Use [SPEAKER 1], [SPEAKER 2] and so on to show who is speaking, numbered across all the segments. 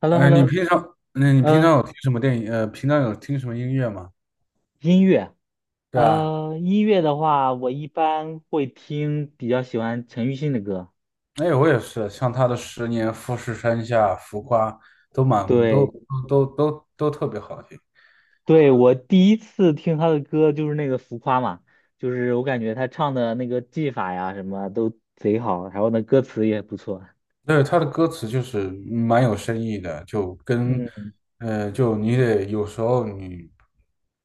[SPEAKER 1] h e l l o h e
[SPEAKER 2] 哎，
[SPEAKER 1] l l
[SPEAKER 2] 你
[SPEAKER 1] o
[SPEAKER 2] 平常，那你平常
[SPEAKER 1] 嗯，
[SPEAKER 2] 有听什么电影？平常有听什么音乐吗？
[SPEAKER 1] 音乐，
[SPEAKER 2] 对啊，
[SPEAKER 1] 音乐的话，我一般会听，比较喜欢陈奕迅的歌。
[SPEAKER 2] 哎，我也是，像他的《十年》《富士山下》《浮夸》都蛮都
[SPEAKER 1] 对，
[SPEAKER 2] 都都都都特别好听。
[SPEAKER 1] 对，我第一次听他的歌就是那个《浮夸》嘛，就是我感觉他唱的那个技法呀，什么都贼好，然后呢，歌词也不错。
[SPEAKER 2] 对，他的歌词就是蛮有深意的，
[SPEAKER 1] 嗯
[SPEAKER 2] 就你得有时候你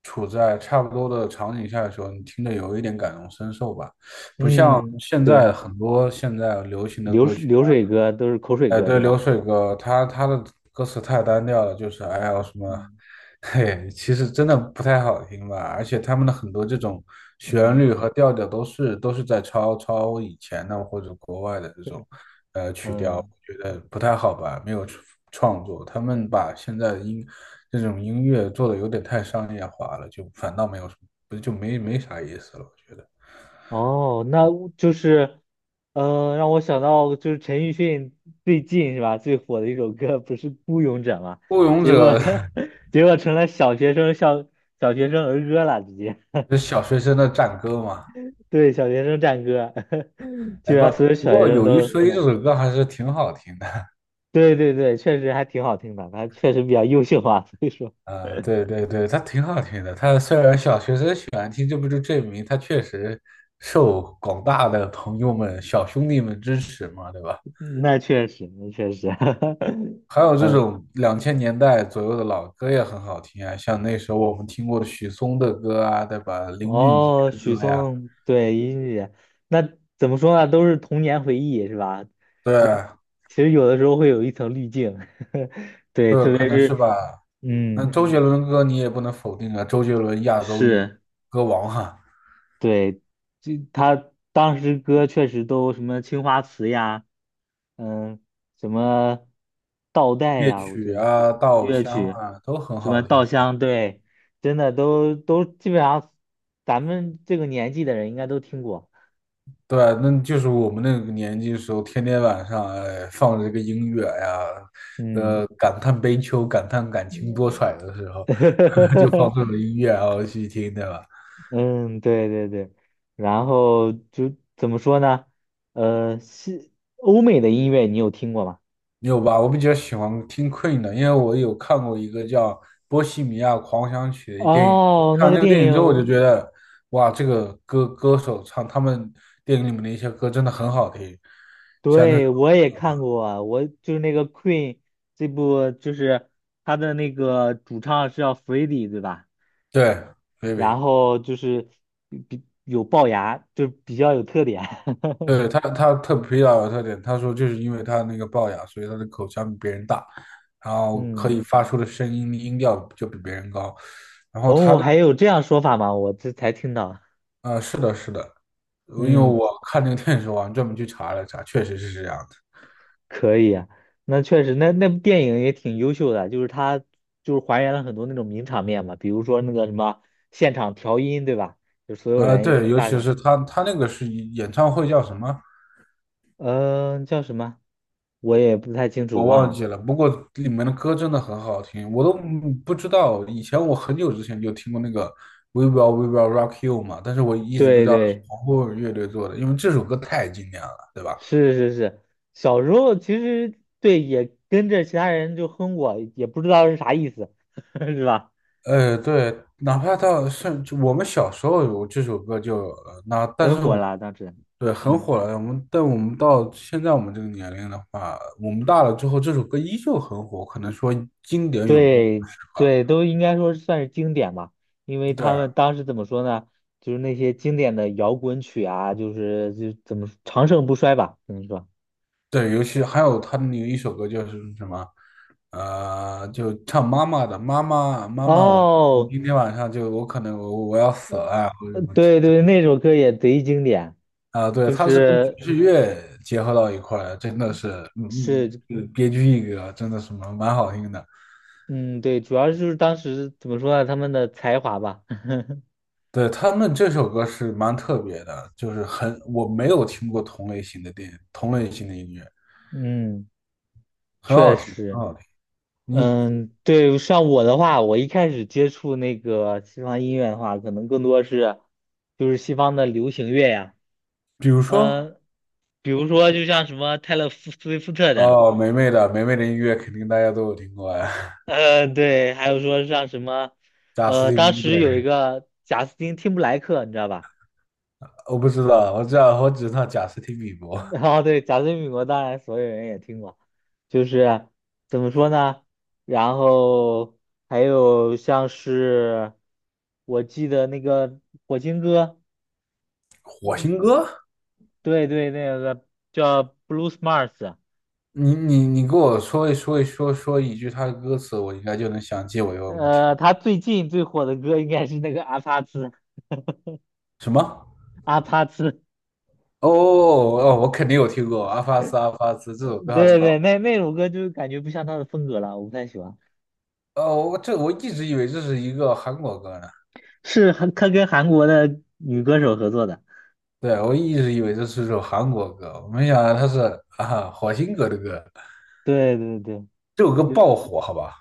[SPEAKER 2] 处在差不多的场景下的时候，你听着有一点感同身受吧，不像
[SPEAKER 1] 嗯，
[SPEAKER 2] 现
[SPEAKER 1] 对，
[SPEAKER 2] 在很多现在流行的歌曲。
[SPEAKER 1] 流水歌都是口水
[SPEAKER 2] 哎，
[SPEAKER 1] 歌，
[SPEAKER 2] 对，
[SPEAKER 1] 对吧？
[SPEAKER 2] 流水歌，他的歌词太单调了，就是哎呀什么，
[SPEAKER 1] 嗯
[SPEAKER 2] 嘿，其实真的不太好听吧。而且他们的很多这种旋
[SPEAKER 1] 嗯
[SPEAKER 2] 律和调调都是在抄以前的或者国外的这种曲调，
[SPEAKER 1] 嗯。
[SPEAKER 2] 我觉得不太好吧，没有创作。他们把现在的音这种音乐做的有点太商业化了，就反倒没有什么，不就没啥意思了，我觉得。
[SPEAKER 1] 哦，那就是，呃，让我想到就是陈奕迅最近是吧，最火的一首歌不是《孤勇者》吗？
[SPEAKER 2] 《孤勇
[SPEAKER 1] 结果
[SPEAKER 2] 者》
[SPEAKER 1] 结果成了小小学生儿歌了，直接
[SPEAKER 2] 是小学生的战歌嘛。
[SPEAKER 1] 对小学生战歌，就
[SPEAKER 2] 哎，
[SPEAKER 1] 让所有
[SPEAKER 2] 不
[SPEAKER 1] 小学
[SPEAKER 2] 过
[SPEAKER 1] 生
[SPEAKER 2] 有一说
[SPEAKER 1] 都
[SPEAKER 2] 一，
[SPEAKER 1] 难
[SPEAKER 2] 这
[SPEAKER 1] 听。
[SPEAKER 2] 首歌还是挺好听的。
[SPEAKER 1] 对对对，确实还挺好听的，他确实比较优秀啊，所以说
[SPEAKER 2] 啊、对对对，它挺好听的。它虽然小学生喜欢听，这不就证明它确实受广大的朋友们、小兄弟们支持嘛，对吧？
[SPEAKER 1] 那确实
[SPEAKER 2] 还有 这
[SPEAKER 1] 嗯。
[SPEAKER 2] 种2000年代左右的老歌也很好听啊，像那时候我们听过的许嵩的歌啊，对吧？林俊杰
[SPEAKER 1] 哦，
[SPEAKER 2] 的
[SPEAKER 1] 许
[SPEAKER 2] 歌呀，
[SPEAKER 1] 嵩，对，音乐，那怎么说呢？都是童年回忆，是吧？
[SPEAKER 2] 对
[SPEAKER 1] 其实有的时候会有一层滤镜，对，
[SPEAKER 2] 对，
[SPEAKER 1] 特
[SPEAKER 2] 可
[SPEAKER 1] 别
[SPEAKER 2] 能是
[SPEAKER 1] 是，
[SPEAKER 2] 吧。那
[SPEAKER 1] 嗯，
[SPEAKER 2] 周杰伦的歌你也不能否定啊，周杰伦亚洲
[SPEAKER 1] 是，
[SPEAKER 2] 歌王哈、
[SPEAKER 1] 对，就他当时歌确实都什么青花瓷呀，嗯，什么倒带
[SPEAKER 2] 夜
[SPEAKER 1] 呀，我记
[SPEAKER 2] 曲
[SPEAKER 1] 得
[SPEAKER 2] 啊、
[SPEAKER 1] 日
[SPEAKER 2] 稻
[SPEAKER 1] 乐
[SPEAKER 2] 香
[SPEAKER 1] 曲，
[SPEAKER 2] 啊，都很
[SPEAKER 1] 什么
[SPEAKER 2] 好
[SPEAKER 1] 稻
[SPEAKER 2] 听。
[SPEAKER 1] 香，对，真的都基本上，咱们这个年纪的人应该都听过，
[SPEAKER 2] 对啊，那就是我们那个年纪的时候，天天晚上哎放着这个音乐呀，
[SPEAKER 1] 嗯。
[SPEAKER 2] 感叹悲秋、感叹感情多舛的时候，就放这 种音乐然后去听，对吧？
[SPEAKER 1] 嗯，对对对，然后就怎么说呢？呃，西欧美的音乐你有听过吗？
[SPEAKER 2] 你有吧？我比较喜欢听 Queen 的，因为我有看过一个叫《波西米亚狂想曲》的电影。
[SPEAKER 1] 哦，
[SPEAKER 2] 看
[SPEAKER 1] 那
[SPEAKER 2] 完
[SPEAKER 1] 个
[SPEAKER 2] 这个
[SPEAKER 1] 电
[SPEAKER 2] 电影之后，我就觉
[SPEAKER 1] 影，
[SPEAKER 2] 得，哇，这个歌手唱他们电影里面的一些歌真的很好听，像那
[SPEAKER 1] 对，我也看过啊，我就是那个 Queen 这部，就是他的那个主唱是叫 Freddie 对吧？
[SPEAKER 2] 对
[SPEAKER 1] 然
[SPEAKER 2] Baby。
[SPEAKER 1] 后就是比有龅牙，就比较有特点。
[SPEAKER 2] 对他特皮老有特点，他说就是因为他那个龅牙，所以他的口腔比别人大，然后可
[SPEAKER 1] 嗯，
[SPEAKER 2] 以发出的声音音调就比别人高。然后他
[SPEAKER 1] 哦，
[SPEAKER 2] 的
[SPEAKER 1] 还有这样说法吗？我这才听到。
[SPEAKER 2] 是的，是的，因为
[SPEAKER 1] 嗯，
[SPEAKER 2] 我看那个电视，我还专门去查了查，确实是这样的。
[SPEAKER 1] 可以啊，那确实，那部电影也挺优秀的，就是它就是还原了很多那种名场面嘛，比如说那个什么现场调音，对吧？就所有人
[SPEAKER 2] 对，尤
[SPEAKER 1] 大
[SPEAKER 2] 其
[SPEAKER 1] 场，
[SPEAKER 2] 是他那个是演唱会叫什么？
[SPEAKER 1] 嗯、叫什么？我也不太清楚，
[SPEAKER 2] 我
[SPEAKER 1] 忘
[SPEAKER 2] 忘
[SPEAKER 1] 了。
[SPEAKER 2] 记了，不过里面的歌真的很好听，我都不知道。以前我很久之前就听过那个《We Will We Will Rock You》嘛，但是我一直不
[SPEAKER 1] 对
[SPEAKER 2] 知道是
[SPEAKER 1] 对，
[SPEAKER 2] 皇后乐队做的，因为这首歌太经典了，对吧？
[SPEAKER 1] 是是是，小时候其实对也跟着其他人就哼过，也不知道是啥意思，是吧？
[SPEAKER 2] 对，哪怕到甚至我们小时候有这首歌就但
[SPEAKER 1] 很
[SPEAKER 2] 是我
[SPEAKER 1] 火
[SPEAKER 2] 们，
[SPEAKER 1] 了当时，
[SPEAKER 2] 对，很
[SPEAKER 1] 嗯。
[SPEAKER 2] 火了。但我们到现在我们这个年龄的话，我们大了之后，这首歌依旧很火，可能说经典永不过
[SPEAKER 1] 对
[SPEAKER 2] 时
[SPEAKER 1] 对，
[SPEAKER 2] 吧。
[SPEAKER 1] 都应该说算是经典吧，因为
[SPEAKER 2] 对
[SPEAKER 1] 他
[SPEAKER 2] 啊，
[SPEAKER 1] 们当时怎么说呢？就是那些经典的摇滚曲啊，就是就怎么说长盛不衰吧，怎么说？
[SPEAKER 2] 对，尤其还有他的那一首歌就是什么，就唱妈妈的妈妈妈妈，我
[SPEAKER 1] 哦
[SPEAKER 2] 今天晚上就我可能我要 死了
[SPEAKER 1] 呃
[SPEAKER 2] 啊，或者
[SPEAKER 1] 呃
[SPEAKER 2] 什么
[SPEAKER 1] 对对，那首歌也贼经典，
[SPEAKER 2] 啊，对，
[SPEAKER 1] 就
[SPEAKER 2] 他是跟爵
[SPEAKER 1] 是
[SPEAKER 2] 士乐结合到一块儿，真的是，
[SPEAKER 1] 是，
[SPEAKER 2] 别具一格，真的是蛮好听的。
[SPEAKER 1] 嗯，对，主要就是当时怎么说呢？他们的才华吧，
[SPEAKER 2] 对，他们这首歌是蛮特别的，就是很，我没有听过同类型的电影，同类型的音乐，
[SPEAKER 1] 嗯，
[SPEAKER 2] 很
[SPEAKER 1] 确
[SPEAKER 2] 好听，很
[SPEAKER 1] 实。
[SPEAKER 2] 好听。你
[SPEAKER 1] 嗯，对，像我的话，我一开始接触那个西方音乐的话，可能更多是就是西方的流行乐呀，
[SPEAKER 2] 比如说，
[SPEAKER 1] 嗯，比如说就像什么泰勒·斯威夫特的，
[SPEAKER 2] 哦，梅梅的音乐肯定大家都有听过呀。
[SPEAKER 1] 嗯，对，还有说像什么，
[SPEAKER 2] 贾斯
[SPEAKER 1] 呃，
[SPEAKER 2] 汀
[SPEAKER 1] 当
[SPEAKER 2] 比伯，
[SPEAKER 1] 时有一个贾斯汀汀布莱克，你知道吧？
[SPEAKER 2] 我不知道，我知道，我只知道贾斯汀比伯。
[SPEAKER 1] 然后对，贾斯汀·比伯当然所有人也听过，就是怎么说呢？然后还有像是我记得那个《火星哥》。
[SPEAKER 2] 火星哥，
[SPEAKER 1] 对对，那个叫 Blue Smart，
[SPEAKER 2] 你给我说一句他的歌词，我应该就能想起我有没有听
[SPEAKER 1] 呃，他最近最火的歌应该是那个阿帕茨，
[SPEAKER 2] 什么？
[SPEAKER 1] 阿帕茨，
[SPEAKER 2] 哦哦，哦哦我肯定有听过《阿发斯阿发斯》这首歌，还是
[SPEAKER 1] 对
[SPEAKER 2] 吧？
[SPEAKER 1] 对，那首歌就感觉不像他的风格了，我不太喜欢。
[SPEAKER 2] 哦，我一直以为这是一个韩国歌呢，
[SPEAKER 1] 是韩，他跟韩国的女歌手合作的，
[SPEAKER 2] 对，我一直以为这是首韩国歌，我没想到它是火星哥的歌，
[SPEAKER 1] 对对对，
[SPEAKER 2] 这首歌
[SPEAKER 1] 就
[SPEAKER 2] 爆火，好吧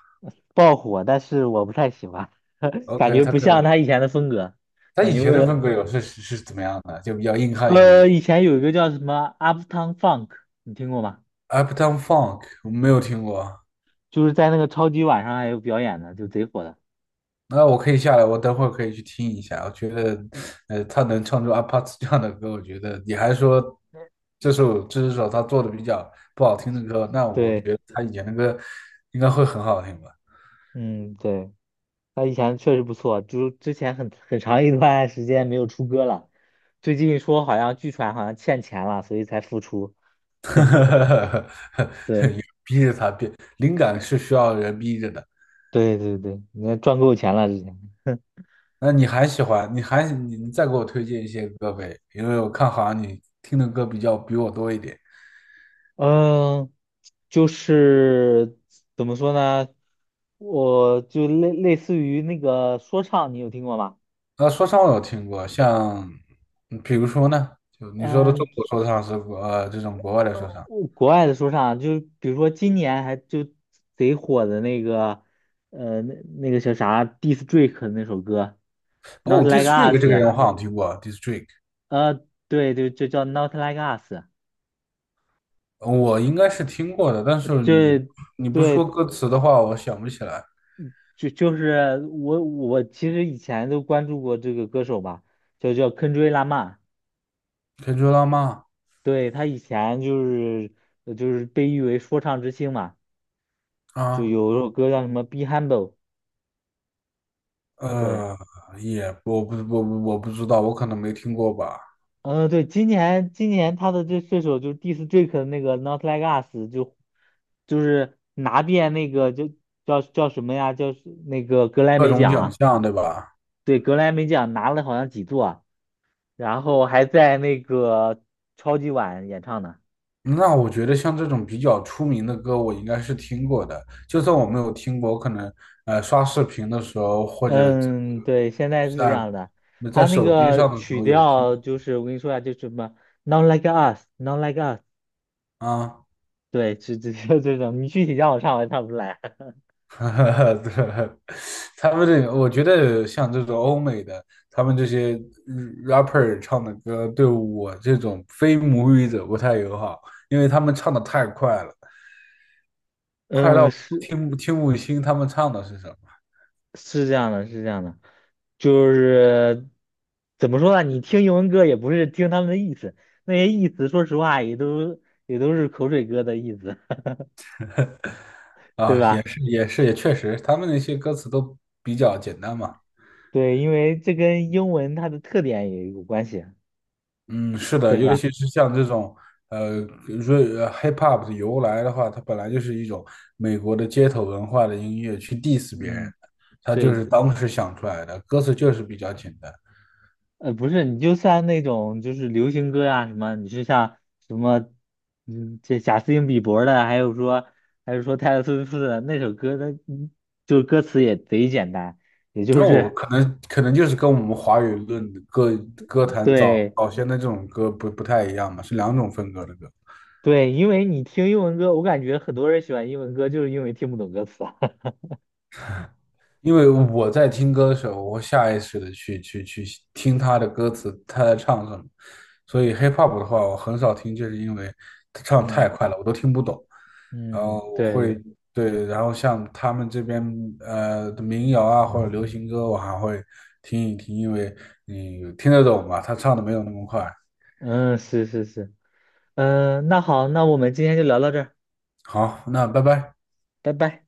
[SPEAKER 1] 爆火，但是我不太喜欢，感
[SPEAKER 2] ？OK,
[SPEAKER 1] 觉
[SPEAKER 2] 他
[SPEAKER 1] 不
[SPEAKER 2] 可
[SPEAKER 1] 像
[SPEAKER 2] 能
[SPEAKER 1] 他以前的风格，
[SPEAKER 2] 他
[SPEAKER 1] 感
[SPEAKER 2] 以
[SPEAKER 1] 觉
[SPEAKER 2] 前
[SPEAKER 1] 为
[SPEAKER 2] 的
[SPEAKER 1] 了，
[SPEAKER 2] 风格有是是是怎么样的？就比较硬汉型。
[SPEAKER 1] 呃，以前有一个叫什么 Uptown Funk，你听过吗？
[SPEAKER 2] Uptown Funk 我没有听过，
[SPEAKER 1] 就是在那个超级晚上还有表演的，就贼火的。
[SPEAKER 2] 那我可以下来，我等会儿可以去听一下。我觉得，他能唱出 a p a t 这样的歌，我觉得你还说这首他做的比较不好听的歌，那我觉
[SPEAKER 1] 对，
[SPEAKER 2] 得他以前的歌应该会很好听吧？
[SPEAKER 1] 嗯，对。他以前确实不错，就之前很长一段时间没有出歌了，最近说好像据传好像欠钱了，所以才复出。对
[SPEAKER 2] 有逼着他变，灵感是需要人逼着的。
[SPEAKER 1] 对你看赚够钱了之前。
[SPEAKER 2] 那你还喜欢？你还你你再给我推荐一些歌呗，因为我看好像你听的歌比较比我多一点。
[SPEAKER 1] 嗯，就是怎么说呢，我就类似于那个说唱，你有听过吗？
[SPEAKER 2] 说唱我有听过，像比如说呢，就你说的中
[SPEAKER 1] 嗯，
[SPEAKER 2] 国说唱是这种国外的
[SPEAKER 1] 呃，
[SPEAKER 2] 说唱。
[SPEAKER 1] 我国外的说唱，就比如说今年还就贼火的那个，呃，那个叫啥 d i s t Drake 的那首歌，Not
[SPEAKER 2] 哦
[SPEAKER 1] Like
[SPEAKER 2] ，District
[SPEAKER 1] Us，
[SPEAKER 2] 这个人我好像听过，District
[SPEAKER 1] 对对，就叫 Not Like Us，
[SPEAKER 2] 我应该是听过的，但是
[SPEAKER 1] 这
[SPEAKER 2] 你不说
[SPEAKER 1] 对
[SPEAKER 2] 歌词的话，我想不起来。
[SPEAKER 1] 就是我其实以前都关注过这个歌手吧，就叫 k e n d r i Lamar，
[SPEAKER 2] 可以追浪漫
[SPEAKER 1] 对他以前就是就是被誉为说唱之星嘛，就
[SPEAKER 2] 啊，
[SPEAKER 1] 有首歌叫什么《Be Humble》，对。
[SPEAKER 2] 呃，也我不知道，我可能没听过吧。
[SPEAKER 1] 嗯，对，今年他的这首就是 Diss Drake 的那个 Not Like Us，就是拿遍那个叫什么呀？叫是那个格莱
[SPEAKER 2] 各
[SPEAKER 1] 美
[SPEAKER 2] 种
[SPEAKER 1] 奖
[SPEAKER 2] 奖
[SPEAKER 1] 啊，
[SPEAKER 2] 项对吧？
[SPEAKER 1] 对，格莱美奖拿了好像几座，然后还在那个超级碗演唱呢。
[SPEAKER 2] 那我觉得像这种比较出名的歌，我应该是听过的。就算我没有听过，我可能刷视频的时候，或者
[SPEAKER 1] 嗯，对，现在是这
[SPEAKER 2] 在
[SPEAKER 1] 样的，
[SPEAKER 2] 在
[SPEAKER 1] 他那
[SPEAKER 2] 手机
[SPEAKER 1] 个
[SPEAKER 2] 上的时
[SPEAKER 1] 曲
[SPEAKER 2] 候也听
[SPEAKER 1] 调就是我跟你说呀、就什么 Not Like Us，Not Like Us，
[SPEAKER 2] 啊。
[SPEAKER 1] 对，就这种，你具体叫我唱我也唱不出来。
[SPEAKER 2] 对，他们这个，我觉得像这种欧美的，他们这些rapper 唱的歌，对我这种非母语者不太友好，因为他们唱的太快了，快到
[SPEAKER 1] 嗯，
[SPEAKER 2] 我听不清他们唱的是什么。
[SPEAKER 1] 是这样的，是这样的，就是怎么说呢？你听英文歌也不是听他们的意思，那些意思说实话也都是口水歌的意思，对
[SPEAKER 2] 啊，也
[SPEAKER 1] 吧？
[SPEAKER 2] 是也是也确实，他们那些歌词都比较简单嘛。
[SPEAKER 1] 对，因为这跟英文它的特点也有关系，
[SPEAKER 2] 嗯，是的，
[SPEAKER 1] 对
[SPEAKER 2] 尤
[SPEAKER 1] 吧？
[SPEAKER 2] 其是像这种呃瑞呃 hip hop 的由来的话，它本来就是一种美国的街头文化的音乐，去 diss 别人
[SPEAKER 1] 嗯，
[SPEAKER 2] 的，它就
[SPEAKER 1] 对，
[SPEAKER 2] 是当时想出来的，歌词就是比较简单。
[SPEAKER 1] 呃，不是，你就算那种就是流行歌啊什么，你是像什么，嗯，这贾斯汀比伯的，还有说还是说泰勒斯威夫特的那首歌的，那嗯就是歌词也贼简单，也就
[SPEAKER 2] 那我
[SPEAKER 1] 是
[SPEAKER 2] 可能就是跟我们华语论歌 歌坛早
[SPEAKER 1] 对。
[SPEAKER 2] 早先的这种歌不太一样嘛，是两种风格的歌。
[SPEAKER 1] 对，因为你听英文歌，我感觉很多人喜欢英文歌，就是因为听不懂歌词啊。
[SPEAKER 2] 因为我在听歌的时候，我会下意识的去听他的歌词，他在唱什么。所以 hip hop 的话，我很少听，就是因为他唱
[SPEAKER 1] 嗯
[SPEAKER 2] 太快了，我都听不懂。然后
[SPEAKER 1] 嗯，
[SPEAKER 2] 我会，
[SPEAKER 1] 对，
[SPEAKER 2] 对，然后像他们这边的民谣啊或者流行歌，我还会听一听，因为你听得懂嘛，他唱的没有那么快。
[SPEAKER 1] 嗯，是是是，嗯，那好，那我们今天就聊到这儿，
[SPEAKER 2] 好，那拜拜。
[SPEAKER 1] 拜拜。